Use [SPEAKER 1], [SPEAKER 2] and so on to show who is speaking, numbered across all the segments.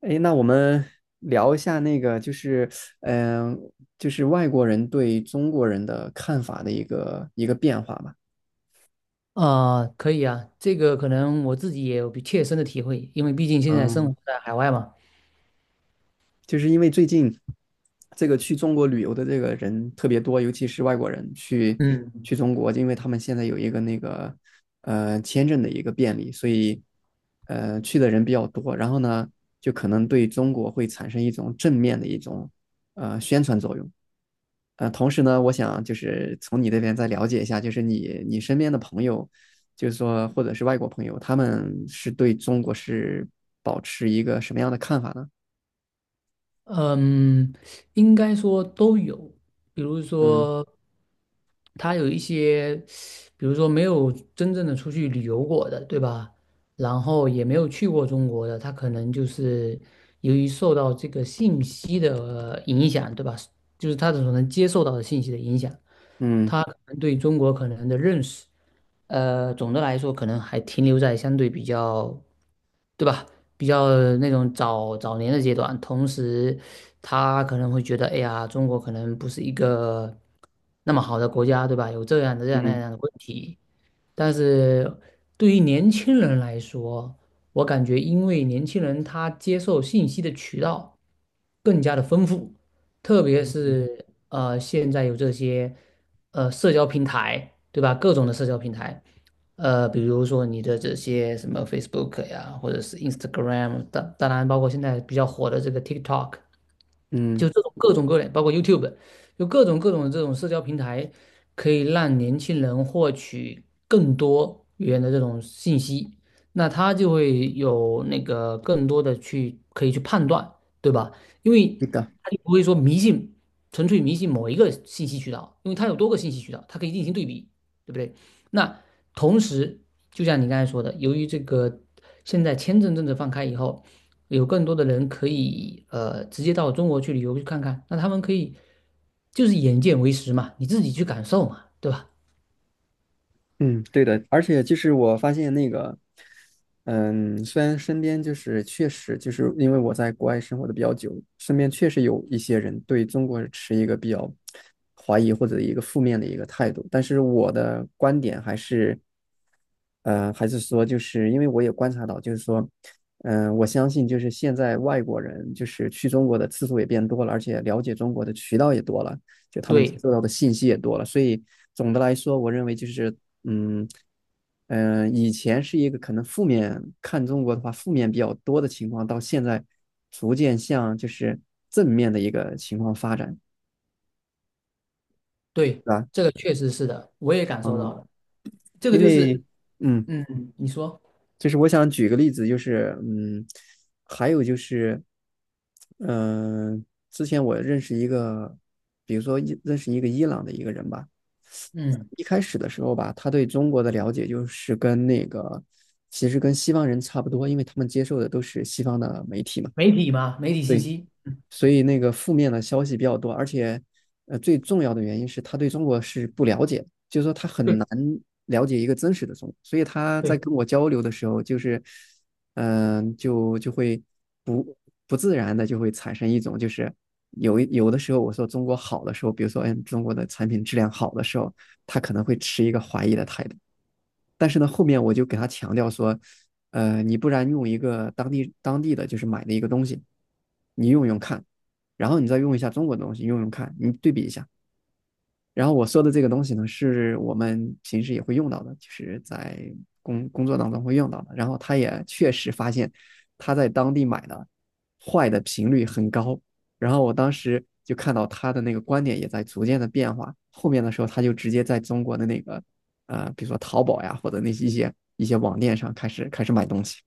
[SPEAKER 1] 诶，那我们聊一下那个，就是，嗯、就是外国人对中国人的看法的一个变化吧。
[SPEAKER 2] 啊、可以啊，这个可能我自己也有比切身的体会，因为毕竟现在生
[SPEAKER 1] 嗯，
[SPEAKER 2] 活在海外嘛。
[SPEAKER 1] 就是因为最近这个去中国旅游的这个人特别多，尤其是外国人去
[SPEAKER 2] 嗯
[SPEAKER 1] 去中国，因为他们现在有一个那个签证的一个便利，所以去的人比较多。然后呢，就可能对中国会产生一种正面的一种宣传作用。同时呢，我想就是从你那边再了解一下，就是你身边的朋友，就是说或者是外国朋友，他们是对中国是保持一个什么样的看法呢？
[SPEAKER 2] 嗯，应该说都有，比如
[SPEAKER 1] 嗯
[SPEAKER 2] 说他有一些，比如说没有真正的出去旅游过的，对吧？然后也没有去过中国的，他可能就是由于受到这个信息的影响，对吧？就是他所能接受到的信息的影响。
[SPEAKER 1] 嗯
[SPEAKER 2] 他可能对中国可能的认识，总的来说可能还停留在相对比较，对吧？比较那种早早年的阶段。同时，他可能会觉得，哎呀，中国可能不是一个那么好的国家，对吧？有这样的这样那
[SPEAKER 1] 嗯
[SPEAKER 2] 样的问题。但是对于年轻人来说，我感觉因为年轻人他接受信息的渠道更加的丰富。特别是现在有这些社交平台，对吧？各种的社交平台，比如说你的这些什么 Facebook 呀，或者是 Instagram,当然包括现在比较火的这个 TikTok,
[SPEAKER 1] 嗯，
[SPEAKER 2] 就这种各种各类，包括 YouTube,有各种各种的这种社交平台，可以让年轻人获取更多元的这种信息，那他就会有那个更多的去可以去判断，对吧？因为
[SPEAKER 1] 那个。
[SPEAKER 2] 他就不会说迷信，纯粹迷信某一个信息渠道，因为他有多个信息渠道，它可以进行对比，对不对？那同时，就像你刚才说的，由于这个现在签证政策放开以后。有更多的人可以直接到中国去旅游去看看，那他们可以就是眼见为实嘛，你自己去感受嘛，对吧？
[SPEAKER 1] 嗯，对的，而且就是我发现那个，嗯，虽然身边就是确实就是因为我在国外生活的比较久，身边确实有一些人对中国持一个比较怀疑或者一个负面的一个态度，但是我的观点还是，呃，还是说就是因为我也观察到，就是说，我相信就是现在外国人就是去中国的次数也变多了，而且了解中国的渠道也多了。就他们接
[SPEAKER 2] 对
[SPEAKER 1] 受到的信息也多了，所以总的来说，我认为就是嗯以前是一个可能负面看中国的话负面比较多的情况，到现在逐渐向就是正面的一个情况发展，
[SPEAKER 2] 对，
[SPEAKER 1] 对吧？
[SPEAKER 2] 这个确实是的，我也感受到了，这个
[SPEAKER 1] 因
[SPEAKER 2] 就
[SPEAKER 1] 为
[SPEAKER 2] 是
[SPEAKER 1] 嗯，
[SPEAKER 2] 嗯，你说
[SPEAKER 1] 就是我想举个例子，就是嗯，还有就是嗯、呃之前我认识一个，比如说伊认识一个伊朗的一个人吧。
[SPEAKER 2] 嗯，
[SPEAKER 1] 一开始的时候吧，他对中国的了解就是跟那个，其实跟西方人差不多，因为他们接受的都是西方的媒体嘛，
[SPEAKER 2] 媒体嘛，媒体信
[SPEAKER 1] 对，
[SPEAKER 2] 息，嗯，
[SPEAKER 1] 所以那个负面的消息比较多，而且最重要的原因是他对中国是不了解，就是说他很
[SPEAKER 2] 对
[SPEAKER 1] 难了解一个真实的中国，所以他在
[SPEAKER 2] 对。
[SPEAKER 1] 跟我交流的时候，就是嗯、呃就就会不不自然的就会产生一种就是有的时候我说中国好的时候，比如说哎中国的产品质量好的时候，他可能会持一个怀疑的态度。但是呢，后面我就给他强调说，呃，你不然用一个当地的就是买的一个东西，你用看，然后你再用一下中国的东西，用看，你对比一下。然后我说的这个东西呢，是我们平时也会用到的，就是在工作当中会用到的。然后他也确实发现他在当地买的坏的频率很高。然后我当时就看到他的那个观点也在逐渐的变化。后面的时候，他就直接在中国的那个呃，比如说淘宝呀，或者那些一些网店上开始买东西。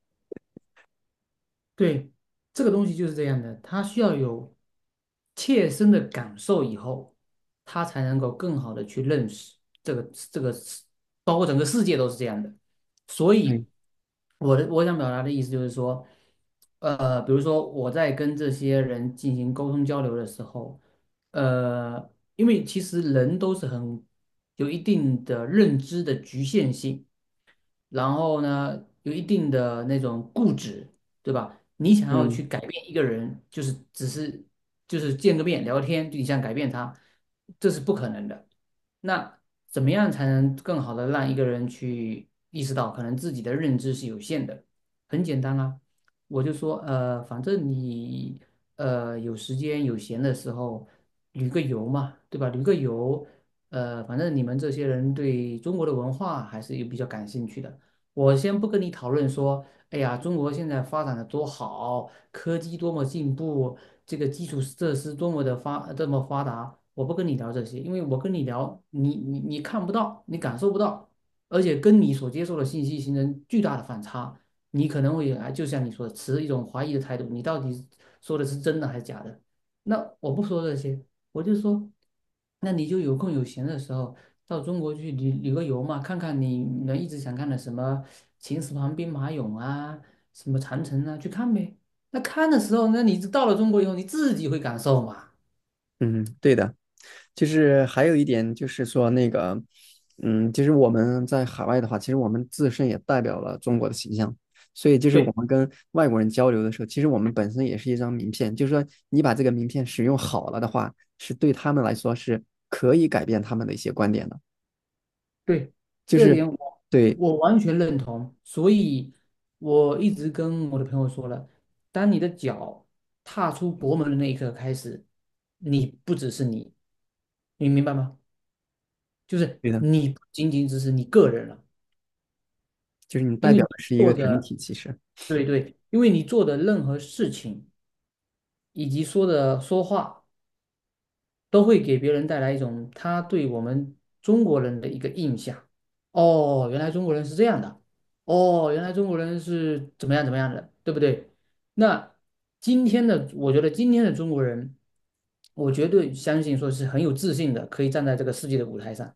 [SPEAKER 2] 对，这个东西就是这样的，他需要有切身的感受以后，他才能够更好的去认识这个这个世，包括整个世界都是这样的。所
[SPEAKER 1] 嗯
[SPEAKER 2] 以，我想表达的意思就是说，比如说我在跟这些人进行沟通交流的时候，呃，因为其实人都是很有一定的认知的局限性。然后呢，有一定的那种固执，对吧？你想要
[SPEAKER 1] 嗯
[SPEAKER 2] 去改变一个人，就是只是就是见个面聊天，就你想改变他，这是不可能的。那怎么样才能更好的让一个人去意识到，可能自己的认知是有限的？很简单啊，我就说，反正你有时间有闲的时候旅个游嘛，对吧？旅个游，反正你们这些人对中国的文化还是有比较感兴趣的。我先不跟你讨论说，哎呀，中国现在发展的多好，科技多么进步，这个基础设施多么的这么发达，我不跟你聊这些，因为我跟你聊，你看不到，你感受不到，而且跟你所接受的信息形成巨大的反差，你可能会啊，就像你说的，持一种怀疑的态度，你到底说的是真的还是假的？那我不说这些，我就说，那你就有空有闲的时候。到中国去旅个游嘛，看看你们一直想看的什么秦始皇兵马俑啊，什么长城啊，去看呗。那看的时候，那你到了中国以后，你自己会感受嘛？
[SPEAKER 1] 嗯，对的。就是还有一点就是说那个，嗯，就是我们在海外的话，其实我们自身也代表了中国的形象，所以就是我
[SPEAKER 2] 对
[SPEAKER 1] 们跟外国人交流的时候，其实我们本身也是一张名片，就是说你把这个名片使用好了的话，是对他们来说是可以改变他们的一些观点的，
[SPEAKER 2] 对，
[SPEAKER 1] 就
[SPEAKER 2] 这
[SPEAKER 1] 是
[SPEAKER 2] 点我
[SPEAKER 1] 对，
[SPEAKER 2] 完全认同。所以我一直跟我的朋友说了，当你的脚踏出国门的那一刻开始，你不只是你，你明白吗？就是
[SPEAKER 1] 对的，
[SPEAKER 2] 你不仅仅只是你个人了，
[SPEAKER 1] 就是你
[SPEAKER 2] 因
[SPEAKER 1] 代
[SPEAKER 2] 为
[SPEAKER 1] 表
[SPEAKER 2] 你
[SPEAKER 1] 的是一个
[SPEAKER 2] 做
[SPEAKER 1] 整
[SPEAKER 2] 的，
[SPEAKER 1] 体，其实
[SPEAKER 2] 对对，因为你做的任何事情以及说的说话。都会给别人带来一种他对我们中国人的一个印象。哦，原来中国人是这样的。哦，原来中国人是怎么样怎么样的，对不对？那今天的，我觉得今天的中国人，我绝对相信说是很有自信的，可以站在这个世界的舞台上，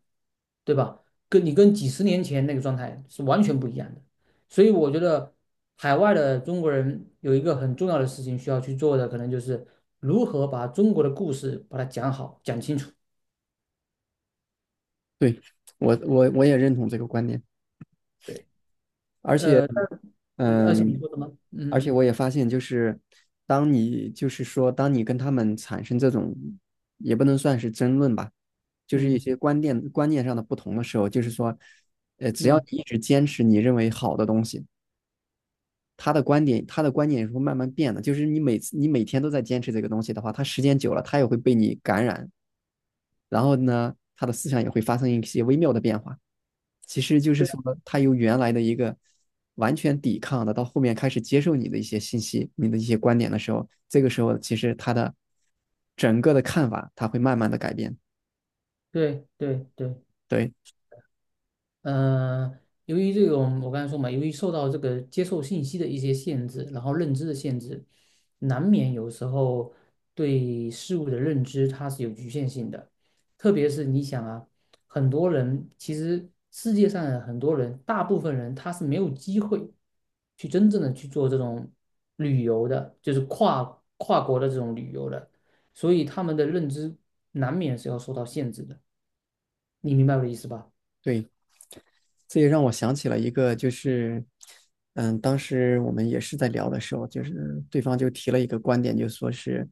[SPEAKER 2] 对吧？跟你跟几十年前那个状态是完全不一样的。所以我觉得海外的中国人有一个很重要的事情需要去做的，可能就是如何把中国的故事把它讲好、讲清楚。
[SPEAKER 1] 对，我也认同这个观点，
[SPEAKER 2] 对，
[SPEAKER 1] 而且
[SPEAKER 2] 呃，而且你
[SPEAKER 1] 嗯，
[SPEAKER 2] 说什么？
[SPEAKER 1] 而
[SPEAKER 2] 嗯
[SPEAKER 1] 且我也发现，就是当你就是说，当你跟他们产生这种，也不能算是争论吧，就是一
[SPEAKER 2] 嗯
[SPEAKER 1] 些观念上的不同的时候，就是说，呃，只要
[SPEAKER 2] 嗯，
[SPEAKER 1] 你一直坚持你认为好的东西，他的观点也是会慢慢变的。就是你每天都在坚持这个东西的话，他时间久了，他也会被你感染，然后呢，他的思想也会发生一些微妙的变化。其实就是说，
[SPEAKER 2] 对
[SPEAKER 1] 他由原来的一个完全抵抗的，到后面开始接受你的一些信息、你的一些观点的时候，这个时候其实他的整个的看法，他会慢慢的改变。
[SPEAKER 2] 对对对，
[SPEAKER 1] 对
[SPEAKER 2] 呃，由于这种我刚才说嘛，由于受到这个接受信息的一些限制，然后认知的限制，难免有时候对事物的认知它是有局限性的。特别是你想啊，很多人其实世界上的很多人，大部分人他是没有机会去真正的去做这种旅游的，就是跨国的这种旅游的，所以他们的认知难免是要受到限制的。你明白我的意思吧？
[SPEAKER 1] 对，这也让我想起了一个，就是嗯，当时我们也是在聊的时候，就是对方就提了一个观点，就说是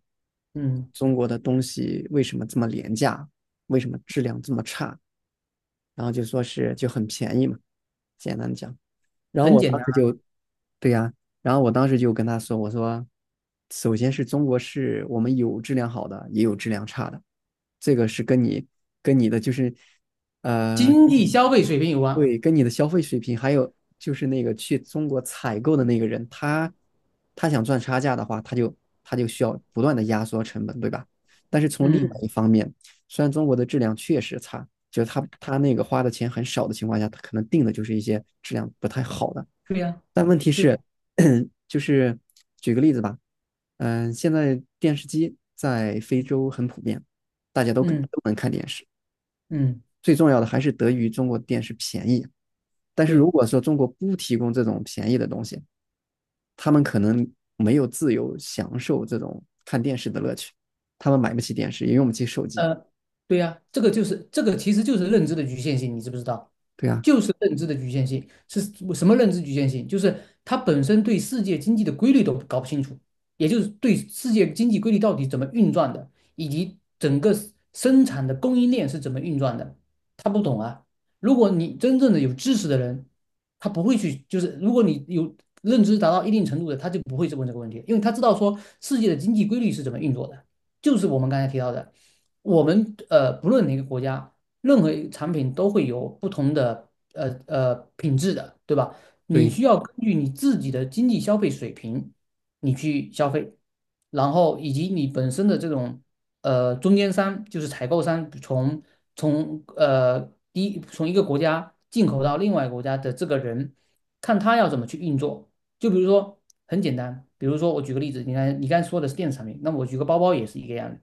[SPEAKER 2] 嗯。
[SPEAKER 1] 中国的东西为什么这么廉价，为什么质量这么差？然后就说是就很便宜嘛，简单讲。然后
[SPEAKER 2] 很
[SPEAKER 1] 我
[SPEAKER 2] 简
[SPEAKER 1] 当
[SPEAKER 2] 单。
[SPEAKER 1] 时就，对呀、然后我当时就跟他说，我说，首先是中国是我们有质量好的，也有质量差的，这个是跟你跟你的就是，呃，
[SPEAKER 2] 经济消费水平有关。
[SPEAKER 1] 对，跟你的消费水平，还有就是那个去中国采购的那个人，他想赚差价的话，他就需要不断的压缩成本，对吧？但是从另外一
[SPEAKER 2] 嗯，
[SPEAKER 1] 方面，虽然中国的质量确实差，就是他那个花的钱很少的情况下，他可能定的就是一些质量不太好的。
[SPEAKER 2] 对呀，
[SPEAKER 1] 但问题
[SPEAKER 2] 对
[SPEAKER 1] 是，
[SPEAKER 2] 呀，
[SPEAKER 1] 就是举个例子吧，现在电视机在非洲很普遍，大家都都
[SPEAKER 2] 嗯
[SPEAKER 1] 能看电视。
[SPEAKER 2] 嗯，
[SPEAKER 1] 最重要的还是得益于中国电视便宜。但是
[SPEAKER 2] 对。
[SPEAKER 1] 如果说中国不提供这种便宜的东西，他们可能没有自由享受这种看电视的乐趣，他们买不起电视，也用不起手机。
[SPEAKER 2] 呃，对呀、这个就是这个其实就是认知的局限性，你知不知道？
[SPEAKER 1] 对啊，
[SPEAKER 2] 就是认知的局限性是什么认知局限性？就是他本身对世界经济的规律都搞不清楚，也就是对世界经济规律到底怎么运转的，以及整个 生产的供应链是怎么运转的，他不懂啊。如果你真正的有知识的人，他不会去，就是如果你有认知达到一定程度的，他就不会去问这个问题，因为他知道说世界的经济规律是怎么运作的，就是我们刚才提到的。我们不论哪个国家，任何一个产品都会有不同的品质的，对吧？你
[SPEAKER 1] 对，
[SPEAKER 2] 需要根据你自己的经济消费水平，你去消费，然后以及你本身的这种中间商，就是采购商，从呃从一个国家进口到另外一个国家的这个人，看他要怎么去运作。就比如说很简单，比如说我举个例子，你看你刚才说的是电子产品，那么我举个包包也是一个样子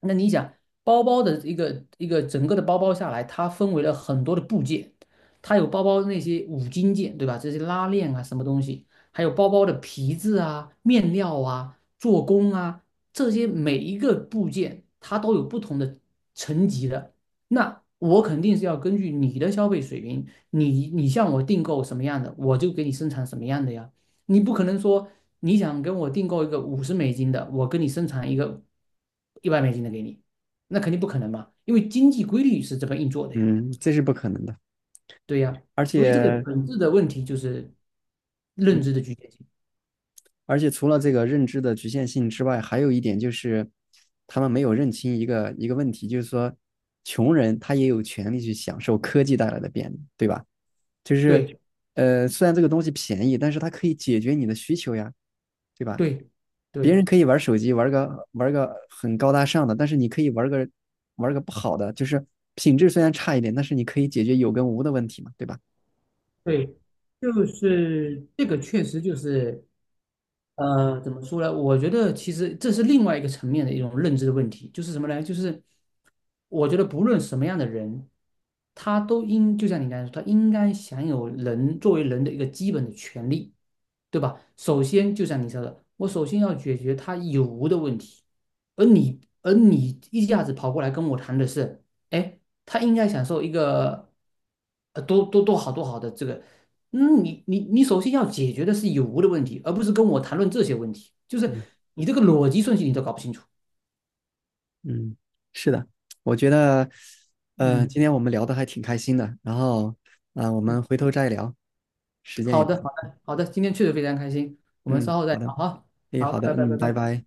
[SPEAKER 2] 那你想，包包的一个整个的包包下来，它分为了很多的部件，它有包包那些五金件，对吧？这些拉链啊，什么东西，还有包包的皮质啊、面料啊、做工啊，这些每一个部件它都有不同的层级的。那我肯定是要根据你的消费水平，你向我订购什么样的，我就给你生产什么样的呀。你不可能说你想跟我订购一个五十美金的，我跟你生产一个一百美金的给你，那肯定不可能嘛，因为经济规律是这么运作的呀，
[SPEAKER 1] 嗯，这是不可能的。
[SPEAKER 2] 对呀，
[SPEAKER 1] 而
[SPEAKER 2] 所以这个
[SPEAKER 1] 且，
[SPEAKER 2] 本质的问题就是
[SPEAKER 1] 嗯，
[SPEAKER 2] 认知的局限性，
[SPEAKER 1] 而且除了这个认知的局限性之外，还有一点就是，他们没有认清一个问题，就是说，穷人他也有权利去享受科技带来的便利，对吧？就是，
[SPEAKER 2] 对
[SPEAKER 1] 呃，虽然这个东西便宜，但是它可以解决你的需求呀，对吧？
[SPEAKER 2] 对
[SPEAKER 1] 别
[SPEAKER 2] 对
[SPEAKER 1] 人可以玩手机，玩个很高大上的，但是你可以玩个不好的，就是品质虽然差一点，但是你可以解决有跟无的问题嘛，对吧？
[SPEAKER 2] 对，就是这个确实就是怎么说呢？我觉得其实这是另外一个层面的一种认知的问题，就是什么呢？就是我觉得不论什么样的人，他都应，就像你刚才说，他应该享有人作为人的一个基本的权利，对吧？首先，就像你说的，我首先要解决他有无的问题，而你一下子跑过来跟我谈的是，哎，他应该享受一个，多好的这个，嗯，你首先要解决的是有无的问题，而不是跟我谈论这些问题，就是你这个逻辑顺序你都搞不清楚，
[SPEAKER 1] 嗯，是的，我觉得，呃，
[SPEAKER 2] 嗯。
[SPEAKER 1] 今天我们聊的还挺开心的，然后，啊，我
[SPEAKER 2] 嗯
[SPEAKER 1] 们回头再聊，时间也
[SPEAKER 2] 好
[SPEAKER 1] 不
[SPEAKER 2] 的，好的，好的，今天确实非常开心，我们
[SPEAKER 1] 嗯，
[SPEAKER 2] 稍后再
[SPEAKER 1] 好的，
[SPEAKER 2] 聊哈。
[SPEAKER 1] 诶，
[SPEAKER 2] 好，
[SPEAKER 1] 好的，
[SPEAKER 2] 拜拜，拜
[SPEAKER 1] 嗯，
[SPEAKER 2] 拜。
[SPEAKER 1] 拜
[SPEAKER 2] 嗯。
[SPEAKER 1] 拜。